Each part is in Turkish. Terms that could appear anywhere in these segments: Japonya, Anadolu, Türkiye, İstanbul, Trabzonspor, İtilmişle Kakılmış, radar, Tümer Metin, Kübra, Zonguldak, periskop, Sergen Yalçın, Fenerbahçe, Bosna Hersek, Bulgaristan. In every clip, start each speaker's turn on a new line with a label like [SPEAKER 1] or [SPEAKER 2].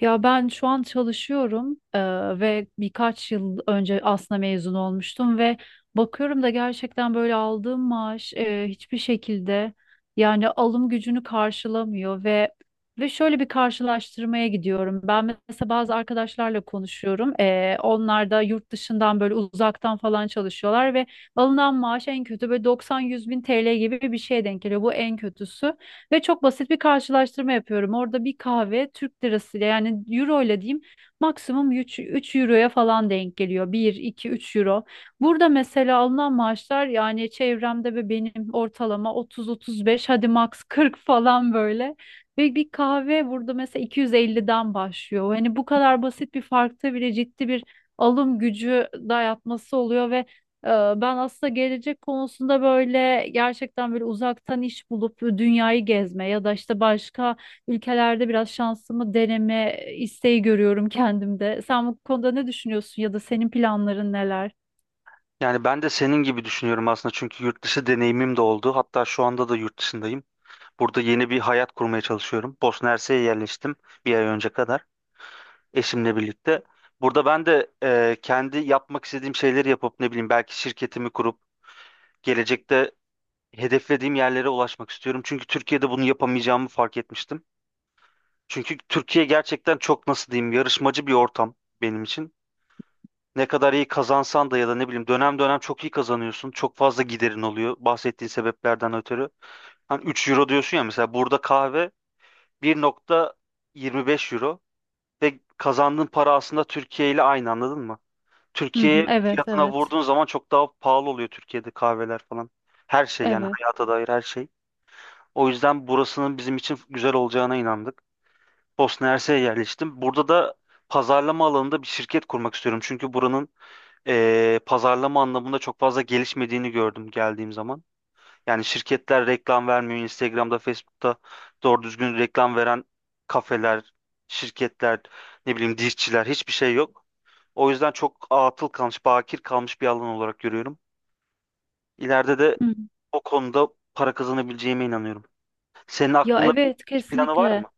[SPEAKER 1] Ya ben şu an çalışıyorum ve birkaç yıl önce aslında mezun olmuştum ve bakıyorum da gerçekten böyle aldığım maaş hiçbir şekilde yani alım gücünü karşılamıyor. Ve şöyle bir karşılaştırmaya gidiyorum. Ben mesela bazı arkadaşlarla konuşuyorum. Onlar da yurt dışından böyle uzaktan falan çalışıyorlar ve alınan maaş en kötü böyle 90-100 bin TL gibi bir şeye denk geliyor. Bu en kötüsü. Ve çok basit bir karşılaştırma yapıyorum. Orada bir kahve Türk lirasıyla, yani euro ile diyeyim, maksimum 3 euroya falan denk geliyor. Bir 2 3 euro. Burada mesela alınan maaşlar, yani çevremde ve benim, ortalama 30-35, hadi max 40 falan böyle. Ve bir kahve burada mesela 250'den başlıyor. Hani bu kadar basit bir farkta bile ciddi bir alım gücü dayatması oluyor ve ee, ben aslında gelecek konusunda böyle gerçekten böyle uzaktan iş bulup dünyayı gezme ya da işte başka ülkelerde biraz şansımı deneme isteği görüyorum kendimde. Sen bu konuda ne düşünüyorsun, ya da senin planların neler?
[SPEAKER 2] Yani ben de senin gibi düşünüyorum aslında çünkü yurt dışı deneyimim de oldu. Hatta şu anda da yurt dışındayım. Burada yeni bir hayat kurmaya çalışıyorum. Bosna Hersek'e yerleştim bir ay önce kadar eşimle birlikte. Burada ben de kendi yapmak istediğim şeyleri yapıp ne bileyim belki şirketimi kurup gelecekte hedeflediğim yerlere ulaşmak istiyorum. Çünkü Türkiye'de bunu yapamayacağımı fark etmiştim. Çünkü Türkiye gerçekten çok nasıl diyeyim yarışmacı bir ortam benim için. Ne kadar iyi kazansan da ya da ne bileyim dönem dönem çok iyi kazanıyorsun. Çok fazla giderin oluyor bahsettiğin sebeplerden ötürü. Hani 3 euro diyorsun ya mesela burada kahve 1,25 euro ve kazandığın para aslında Türkiye ile aynı, anladın mı?
[SPEAKER 1] Hı hı,
[SPEAKER 2] Türkiye
[SPEAKER 1] evet,
[SPEAKER 2] fiyatına
[SPEAKER 1] evet,
[SPEAKER 2] vurduğun zaman çok daha pahalı oluyor Türkiye'de kahveler falan. Her şey yani
[SPEAKER 1] evet.
[SPEAKER 2] hayata dair her şey. O yüzden burasının bizim için güzel olacağına inandık. Bosna Hersek'e yerleştim. Burada da pazarlama alanında bir şirket kurmak istiyorum. Çünkü buranın pazarlama anlamında çok fazla gelişmediğini gördüm geldiğim zaman. Yani şirketler reklam vermiyor. Instagram'da, Facebook'ta doğru düzgün reklam veren kafeler, şirketler, ne bileyim dişçiler hiçbir şey yok. O yüzden çok atıl kalmış, bakir kalmış bir alan olarak görüyorum. İleride de
[SPEAKER 1] Hı hı.
[SPEAKER 2] o konuda para kazanabileceğime inanıyorum. Senin
[SPEAKER 1] Ya,
[SPEAKER 2] aklında
[SPEAKER 1] evet,
[SPEAKER 2] bir planı var
[SPEAKER 1] kesinlikle.
[SPEAKER 2] mı?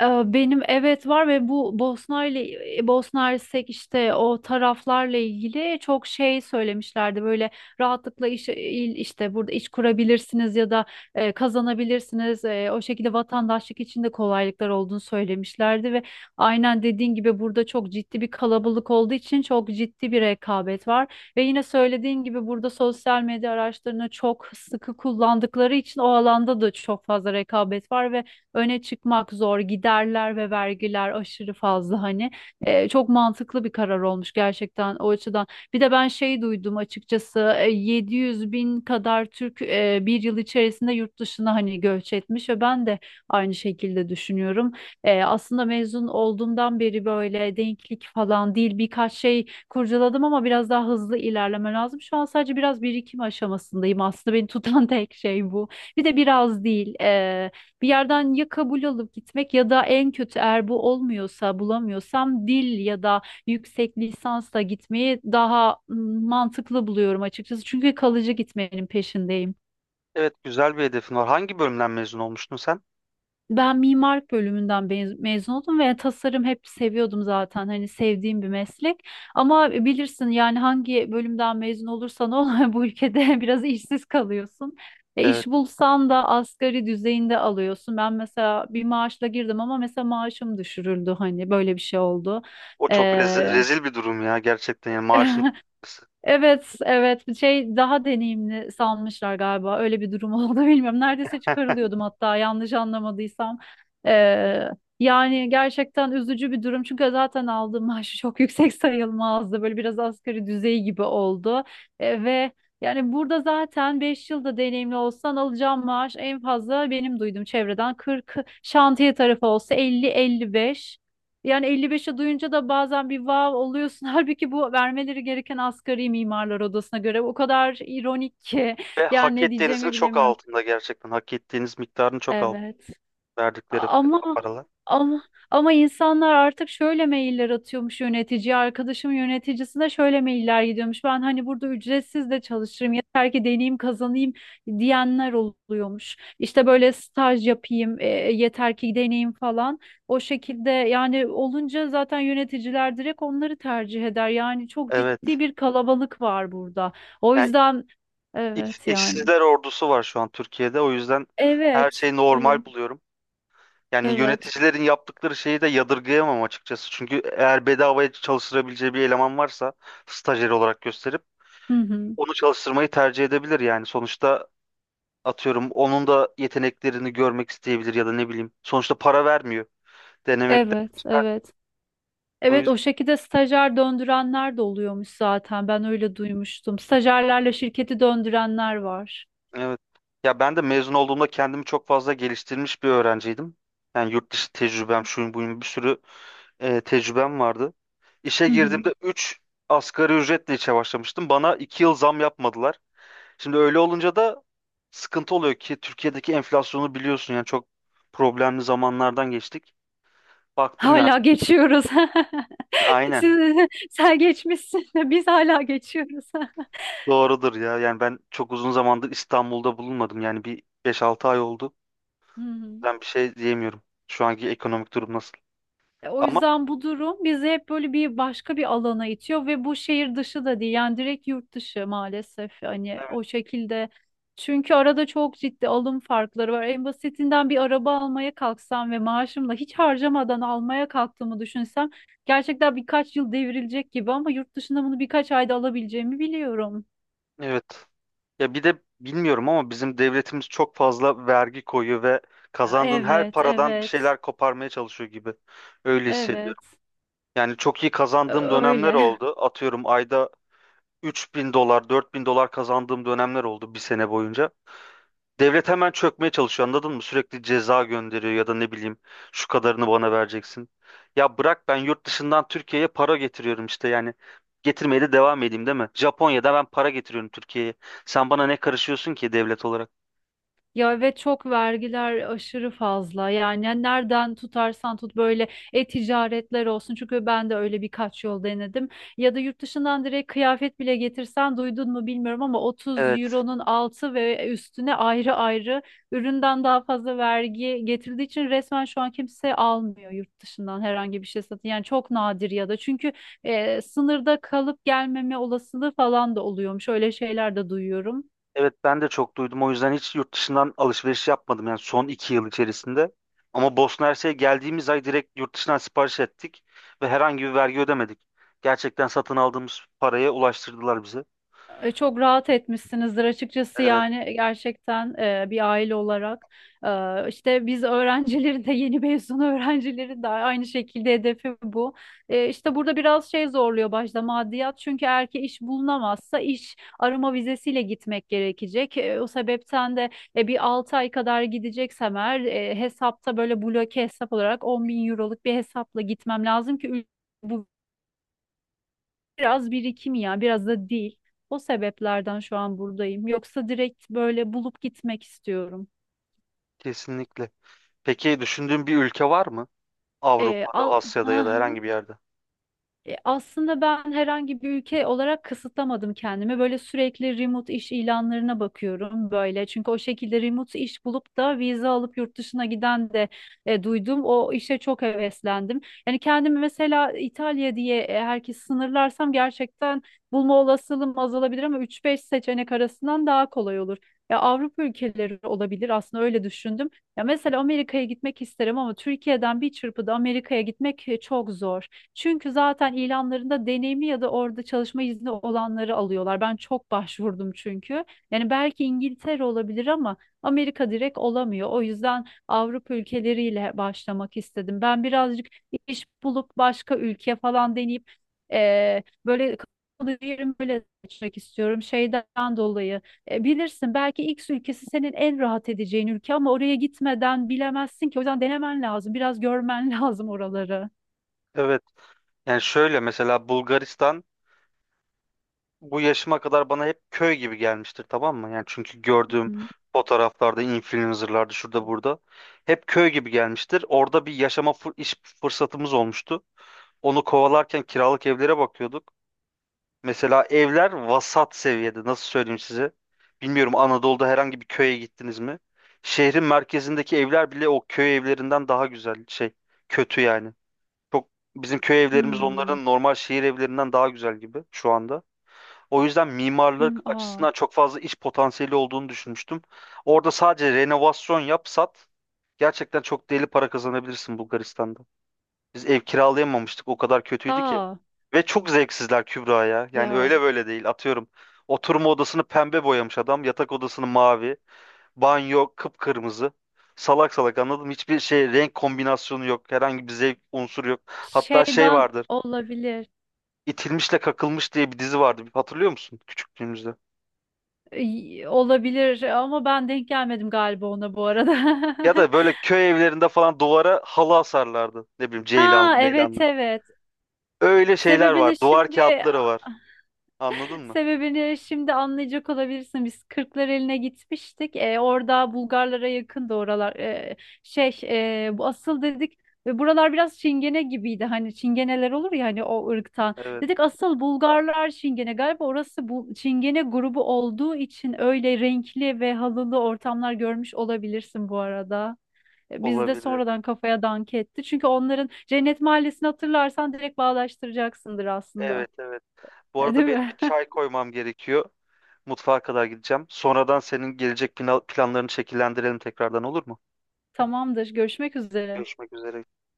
[SPEAKER 1] Benim evet var, ve bu Bosna Hersek işte o taraflarla ilgili çok şey söylemişlerdi. Böyle rahatlıkla işte burada iş kurabilirsiniz ya da kazanabilirsiniz. O şekilde vatandaşlık için de kolaylıklar olduğunu söylemişlerdi ve aynen dediğin gibi burada çok ciddi bir kalabalık olduğu için çok ciddi bir rekabet var. Ve yine söylediğin gibi burada sosyal medya araçlarını çok sıkı kullandıkları için o alanda da çok fazla rekabet var ve öne çıkmak zor, giderler ve vergiler aşırı fazla hani. Çok mantıklı bir karar olmuş gerçekten o açıdan. Bir de ben şey duydum açıkçası, 700 bin kadar Türk bir yıl içerisinde yurt dışına hani göç etmiş ve ben de aynı şekilde düşünüyorum. Aslında mezun olduğumdan beri böyle denklik falan değil birkaç şey kurcaladım ama biraz daha hızlı ilerleme lazım. Şu an sadece biraz birikim aşamasındayım, aslında beni tutan tek şey bu. Bir de biraz değil. Bir yerden ya kabul alıp gitmek, ya da en kötü eğer bu olmuyorsa, bulamıyorsam, dil ya da yüksek lisansla gitmeyi daha mantıklı buluyorum açıkçası. Çünkü kalıcı gitmenin peşindeyim.
[SPEAKER 2] Evet, güzel bir hedefin var. Hangi bölümden mezun olmuştun sen?
[SPEAKER 1] Ben mimarlık bölümünden mezun oldum ve tasarım hep seviyordum zaten. Hani sevdiğim bir meslek. Ama bilirsin, yani hangi bölümden mezun olursan ol bu ülkede biraz işsiz kalıyorsun.
[SPEAKER 2] Evet,
[SPEAKER 1] İş bulsan da asgari düzeyinde alıyorsun. Ben mesela bir maaşla girdim ama mesela maaşım düşürüldü, hani böyle bir şey oldu.
[SPEAKER 2] o çok
[SPEAKER 1] Ee,
[SPEAKER 2] rezil bir durum ya, gerçekten yani maaşın.
[SPEAKER 1] Evet, evet. Bir şey daha deneyimli sanmışlar galiba. Öyle bir durum oldu, bilmiyorum. Neredeyse çıkarılıyordum hatta, yanlış anlamadıysam. Ee, Yani gerçekten üzücü bir durum. Çünkü zaten aldığım maaşı çok yüksek sayılmazdı. Böyle biraz asgari düzey gibi oldu. Ve Yani burada zaten 5 yılda deneyimli olsan alacağım maaş en fazla benim duyduğum çevreden 40, şantiye tarafı olsa 50-55. Yani 55'e duyunca da bazen bir vav oluyorsun. Halbuki bu vermeleri gereken asgari, mimarlar odasına göre, o kadar ironik ki.
[SPEAKER 2] Ve
[SPEAKER 1] Yani
[SPEAKER 2] hak
[SPEAKER 1] ne
[SPEAKER 2] ettiğinizin
[SPEAKER 1] diyeceğimi
[SPEAKER 2] çok
[SPEAKER 1] bilemiyorum.
[SPEAKER 2] altında gerçekten. Hak ettiğiniz miktarın çok altında
[SPEAKER 1] Evet.
[SPEAKER 2] verdikleri
[SPEAKER 1] Ama
[SPEAKER 2] paralar.
[SPEAKER 1] ama ama insanlar artık şöyle mailler atıyormuş yöneticiye. Arkadaşım, yöneticisine şöyle mailler gidiyormuş. Ben hani burada ücretsiz de çalışırım, yeter ki deneyim kazanayım diyenler oluyormuş. İşte böyle staj yapayım yeter ki deneyim falan. O şekilde yani olunca zaten yöneticiler direkt onları tercih eder. Yani çok ciddi
[SPEAKER 2] Evet.
[SPEAKER 1] bir kalabalık var burada. O
[SPEAKER 2] Yani
[SPEAKER 1] yüzden evet yani.
[SPEAKER 2] işsizler ordusu var şu an Türkiye'de. O yüzden her
[SPEAKER 1] Evet.
[SPEAKER 2] şeyi normal
[SPEAKER 1] Evet.
[SPEAKER 2] buluyorum. Yani
[SPEAKER 1] Evet.
[SPEAKER 2] yöneticilerin yaptıkları şeyi de yadırgayamam açıkçası. Çünkü eğer bedavaya çalıştırabileceği bir eleman varsa stajyer olarak gösterip
[SPEAKER 1] Hı hı.
[SPEAKER 2] onu çalıştırmayı tercih edebilir yani. Sonuçta atıyorum onun da yeteneklerini görmek isteyebilir ya da ne bileyim. Sonuçta para vermiyor. Denemekten
[SPEAKER 1] Evet,
[SPEAKER 2] çıkar.
[SPEAKER 1] evet.
[SPEAKER 2] O
[SPEAKER 1] Evet, o şekilde stajyer döndürenler de oluyormuş zaten. Ben öyle duymuştum. Stajyerlerle şirketi döndürenler var.
[SPEAKER 2] Evet. Ya ben de mezun olduğumda kendimi çok fazla geliştirmiş bir öğrenciydim. Yani yurt dışı tecrübem, şuyum buyum bir sürü tecrübem vardı. İşe
[SPEAKER 1] Hı hı.
[SPEAKER 2] girdiğimde 3 asgari ücretle işe başlamıştım. Bana 2 yıl zam yapmadılar. Şimdi öyle olunca da sıkıntı oluyor ki Türkiye'deki enflasyonu biliyorsun yani çok problemli zamanlardan geçtik. Baktım yani
[SPEAKER 1] Hala geçiyoruz.
[SPEAKER 2] aynen
[SPEAKER 1] Siz, sen geçmişsin de biz hala geçiyoruz.
[SPEAKER 2] doğrudur ya. Yani ben çok uzun zamandır İstanbul'da bulunmadım. Yani bir 5-6 ay oldu.
[SPEAKER 1] Hı hı.
[SPEAKER 2] Ben bir şey diyemiyorum. Şu anki ekonomik durum nasıl?
[SPEAKER 1] O
[SPEAKER 2] Ama
[SPEAKER 1] yüzden bu durum bizi hep böyle bir başka bir alana itiyor ve bu şehir dışı da değil, yani direkt yurt dışı maalesef hani o şekilde. Çünkü arada çok ciddi alım farkları var. En basitinden bir araba almaya kalksam ve maaşımla hiç harcamadan almaya kalktığımı düşünsem gerçekten birkaç yıl devrilecek gibi, ama yurt dışında bunu birkaç ayda alabileceğimi biliyorum.
[SPEAKER 2] Evet. Ya bir de bilmiyorum ama bizim devletimiz çok fazla vergi koyuyor ve kazandığın her
[SPEAKER 1] Evet,
[SPEAKER 2] paradan bir
[SPEAKER 1] evet,
[SPEAKER 2] şeyler koparmaya çalışıyor gibi. Öyle hissediyorum.
[SPEAKER 1] evet.
[SPEAKER 2] Yani çok iyi kazandığım
[SPEAKER 1] Ö-
[SPEAKER 2] dönemler
[SPEAKER 1] Öyle.
[SPEAKER 2] oldu. Atıyorum ayda 3.000 dolar, 4.000 dolar kazandığım dönemler oldu bir sene boyunca. Devlet hemen çökmeye çalışıyor, anladın mı? Sürekli ceza gönderiyor ya da ne bileyim şu kadarını bana vereceksin. Ya bırak, ben yurt dışından Türkiye'ye para getiriyorum işte yani. Getirmeye de devam edeyim değil mi? Japonya'da ben para getiriyorum Türkiye'ye. Sen bana ne karışıyorsun ki devlet olarak?
[SPEAKER 1] Ya ve çok vergiler aşırı fazla. Yani nereden tutarsan tut böyle e-ticaretler olsun. Çünkü ben de öyle birkaç yol denedim. Ya da yurt dışından direkt kıyafet bile getirsen, duydun mu bilmiyorum ama, 30
[SPEAKER 2] Evet.
[SPEAKER 1] euronun altı ve üstüne ayrı ayrı üründen daha fazla vergi getirdiği için resmen şu an kimse almıyor yurt dışından herhangi bir şey satın. Yani çok nadir, ya da çünkü sınırda kalıp gelmeme olasılığı falan da oluyormuş. Öyle şeyler de duyuyorum.
[SPEAKER 2] Evet, ben de çok duydum. O yüzden hiç yurt dışından alışveriş yapmadım yani son 2 yıl içerisinde. Ama Bosna Hersek'e geldiğimiz ay direkt yurt dışından sipariş ettik ve herhangi bir vergi ödemedik. Gerçekten satın aldığımız paraya ulaştırdılar bize.
[SPEAKER 1] Çok rahat etmişsinizdir açıkçası,
[SPEAKER 2] Evet,
[SPEAKER 1] yani gerçekten bir aile olarak. İşte biz öğrencileri de, yeni mezun öğrencileri de, aynı şekilde hedefi bu. İşte burada biraz şey zorluyor başta maddiyat, çünkü eğer ki iş bulunamazsa iş arama vizesiyle gitmek gerekecek. O sebepten de bir 6 ay kadar gideceksem eğer hesapta böyle bloke hesap olarak 10 bin euroluk bir hesapla gitmem lazım ki ül- bu biraz birikim ya, biraz da değil. O sebeplerden şu an buradayım. Yoksa direkt böyle bulup gitmek istiyorum.
[SPEAKER 2] kesinlikle. Peki düşündüğün bir ülke var mı?
[SPEAKER 1] Ee,
[SPEAKER 2] Avrupa'da,
[SPEAKER 1] al,
[SPEAKER 2] Asya'da ya da herhangi bir yerde.
[SPEAKER 1] Aslında ben herhangi bir ülke olarak kısıtlamadım kendimi. Böyle sürekli remote iş ilanlarına bakıyorum böyle. Çünkü o şekilde remote iş bulup da vize alıp yurt dışına giden de duydum. O işe çok heveslendim. Yani kendimi mesela İtalya diye herkes sınırlarsam gerçekten bulma olasılığım azalabilir ama üç beş seçenek arasından daha kolay olur. Ya Avrupa ülkeleri olabilir aslında, öyle düşündüm. Ya mesela Amerika'ya gitmek isterim ama Türkiye'den bir çırpıda Amerika'ya gitmek çok zor. Çünkü zaten ilanlarında deneyimi ya da orada çalışma izni olanları alıyorlar. Ben çok başvurdum çünkü. Yani belki İngiltere olabilir ama Amerika direkt olamıyor. O yüzden Avrupa ülkeleriyle başlamak istedim. Ben birazcık iş bulup başka ülke falan deneyip böyle kalıcı yerimi böyle seçmek istiyorum şeyden dolayı. Bilirsin, belki X ülkesi senin en rahat edeceğin ülke ama oraya gitmeden bilemezsin ki. O yüzden denemen lazım. Biraz görmen lazım oraları.
[SPEAKER 2] Evet. Yani şöyle, mesela Bulgaristan bu yaşıma kadar bana hep köy gibi gelmiştir, tamam mı? Yani çünkü gördüğüm
[SPEAKER 1] Hı.
[SPEAKER 2] fotoğraflarda, influencerlarda, şurada burada hep köy gibi gelmiştir. Orada bir yaşama iş fırsatımız olmuştu. Onu kovalarken kiralık evlere bakıyorduk. Mesela evler vasat seviyede. Nasıl söyleyeyim size? Bilmiyorum, Anadolu'da herhangi bir köye gittiniz mi? Şehrin merkezindeki evler bile o köy evlerinden daha güzel şey. Kötü yani. Çok, bizim köy evlerimiz
[SPEAKER 1] Hmm.
[SPEAKER 2] onların normal şehir evlerinden daha güzel gibi şu anda. O yüzden
[SPEAKER 1] Hmm.
[SPEAKER 2] mimarlık
[SPEAKER 1] Aa.
[SPEAKER 2] açısından çok fazla iş potansiyeli olduğunu düşünmüştüm. Orada sadece renovasyon yap sat. Gerçekten çok deli para kazanabilirsin Bulgaristan'da. Biz ev kiralayamamıştık. O kadar kötüydü ki.
[SPEAKER 1] Aa.
[SPEAKER 2] Ve çok zevksizler Kübra ya. Yani
[SPEAKER 1] Ya
[SPEAKER 2] öyle böyle değil. Atıyorum. Oturma odasını pembe boyamış adam. Yatak odasını mavi. Banyo kıpkırmızı. Salak salak anladım. Hiçbir şey, renk kombinasyonu yok. Herhangi bir zevk unsuru yok. Hatta şey
[SPEAKER 1] şeyden
[SPEAKER 2] vardır.
[SPEAKER 1] olabilir.
[SPEAKER 2] İtilmişle Kakılmış diye bir dizi vardı. Hatırlıyor musun küçüklüğümüzde?
[SPEAKER 1] Ay, olabilir ama ben denk gelmedim galiba ona bu arada.
[SPEAKER 2] Ya da böyle köy evlerinde falan duvara halı asarlardı. Ne bileyim,
[SPEAKER 1] Ha,
[SPEAKER 2] ceylanlı
[SPEAKER 1] evet,
[SPEAKER 2] meylanlı.
[SPEAKER 1] evet.
[SPEAKER 2] Öyle şeyler var.
[SPEAKER 1] Sebebini
[SPEAKER 2] Duvar
[SPEAKER 1] şimdi
[SPEAKER 2] kağıtları var. Anladın mı?
[SPEAKER 1] Sebebini şimdi anlayacak olabilirsin. Biz Kırklareli'ne gitmiştik. Orada Bulgarlara yakın da oralar. Şey Bu asıl dedik ve buralar biraz Çingene gibiydi. Hani Çingeneler olur ya, hani o ırktan.
[SPEAKER 2] Evet,
[SPEAKER 1] Dedik asıl Bulgarlar Çingene. Galiba orası bu Çingene grubu olduğu için öyle renkli ve halılı ortamlar görmüş olabilirsin bu arada. Biz de
[SPEAKER 2] olabilir.
[SPEAKER 1] sonradan kafaya dank etti. Çünkü onların Cennet Mahallesi'ni hatırlarsan direkt bağdaştıracaksındır aslında.
[SPEAKER 2] Evet, evet. Bu
[SPEAKER 1] Değil
[SPEAKER 2] arada benim bir
[SPEAKER 1] mi?
[SPEAKER 2] çay koymam gerekiyor. Mutfağa kadar gideceğim. Sonradan senin gelecek planlarını şekillendirelim tekrardan, olur mu?
[SPEAKER 1] Tamamdır. Görüşmek üzere.
[SPEAKER 2] Görüşmek üzere.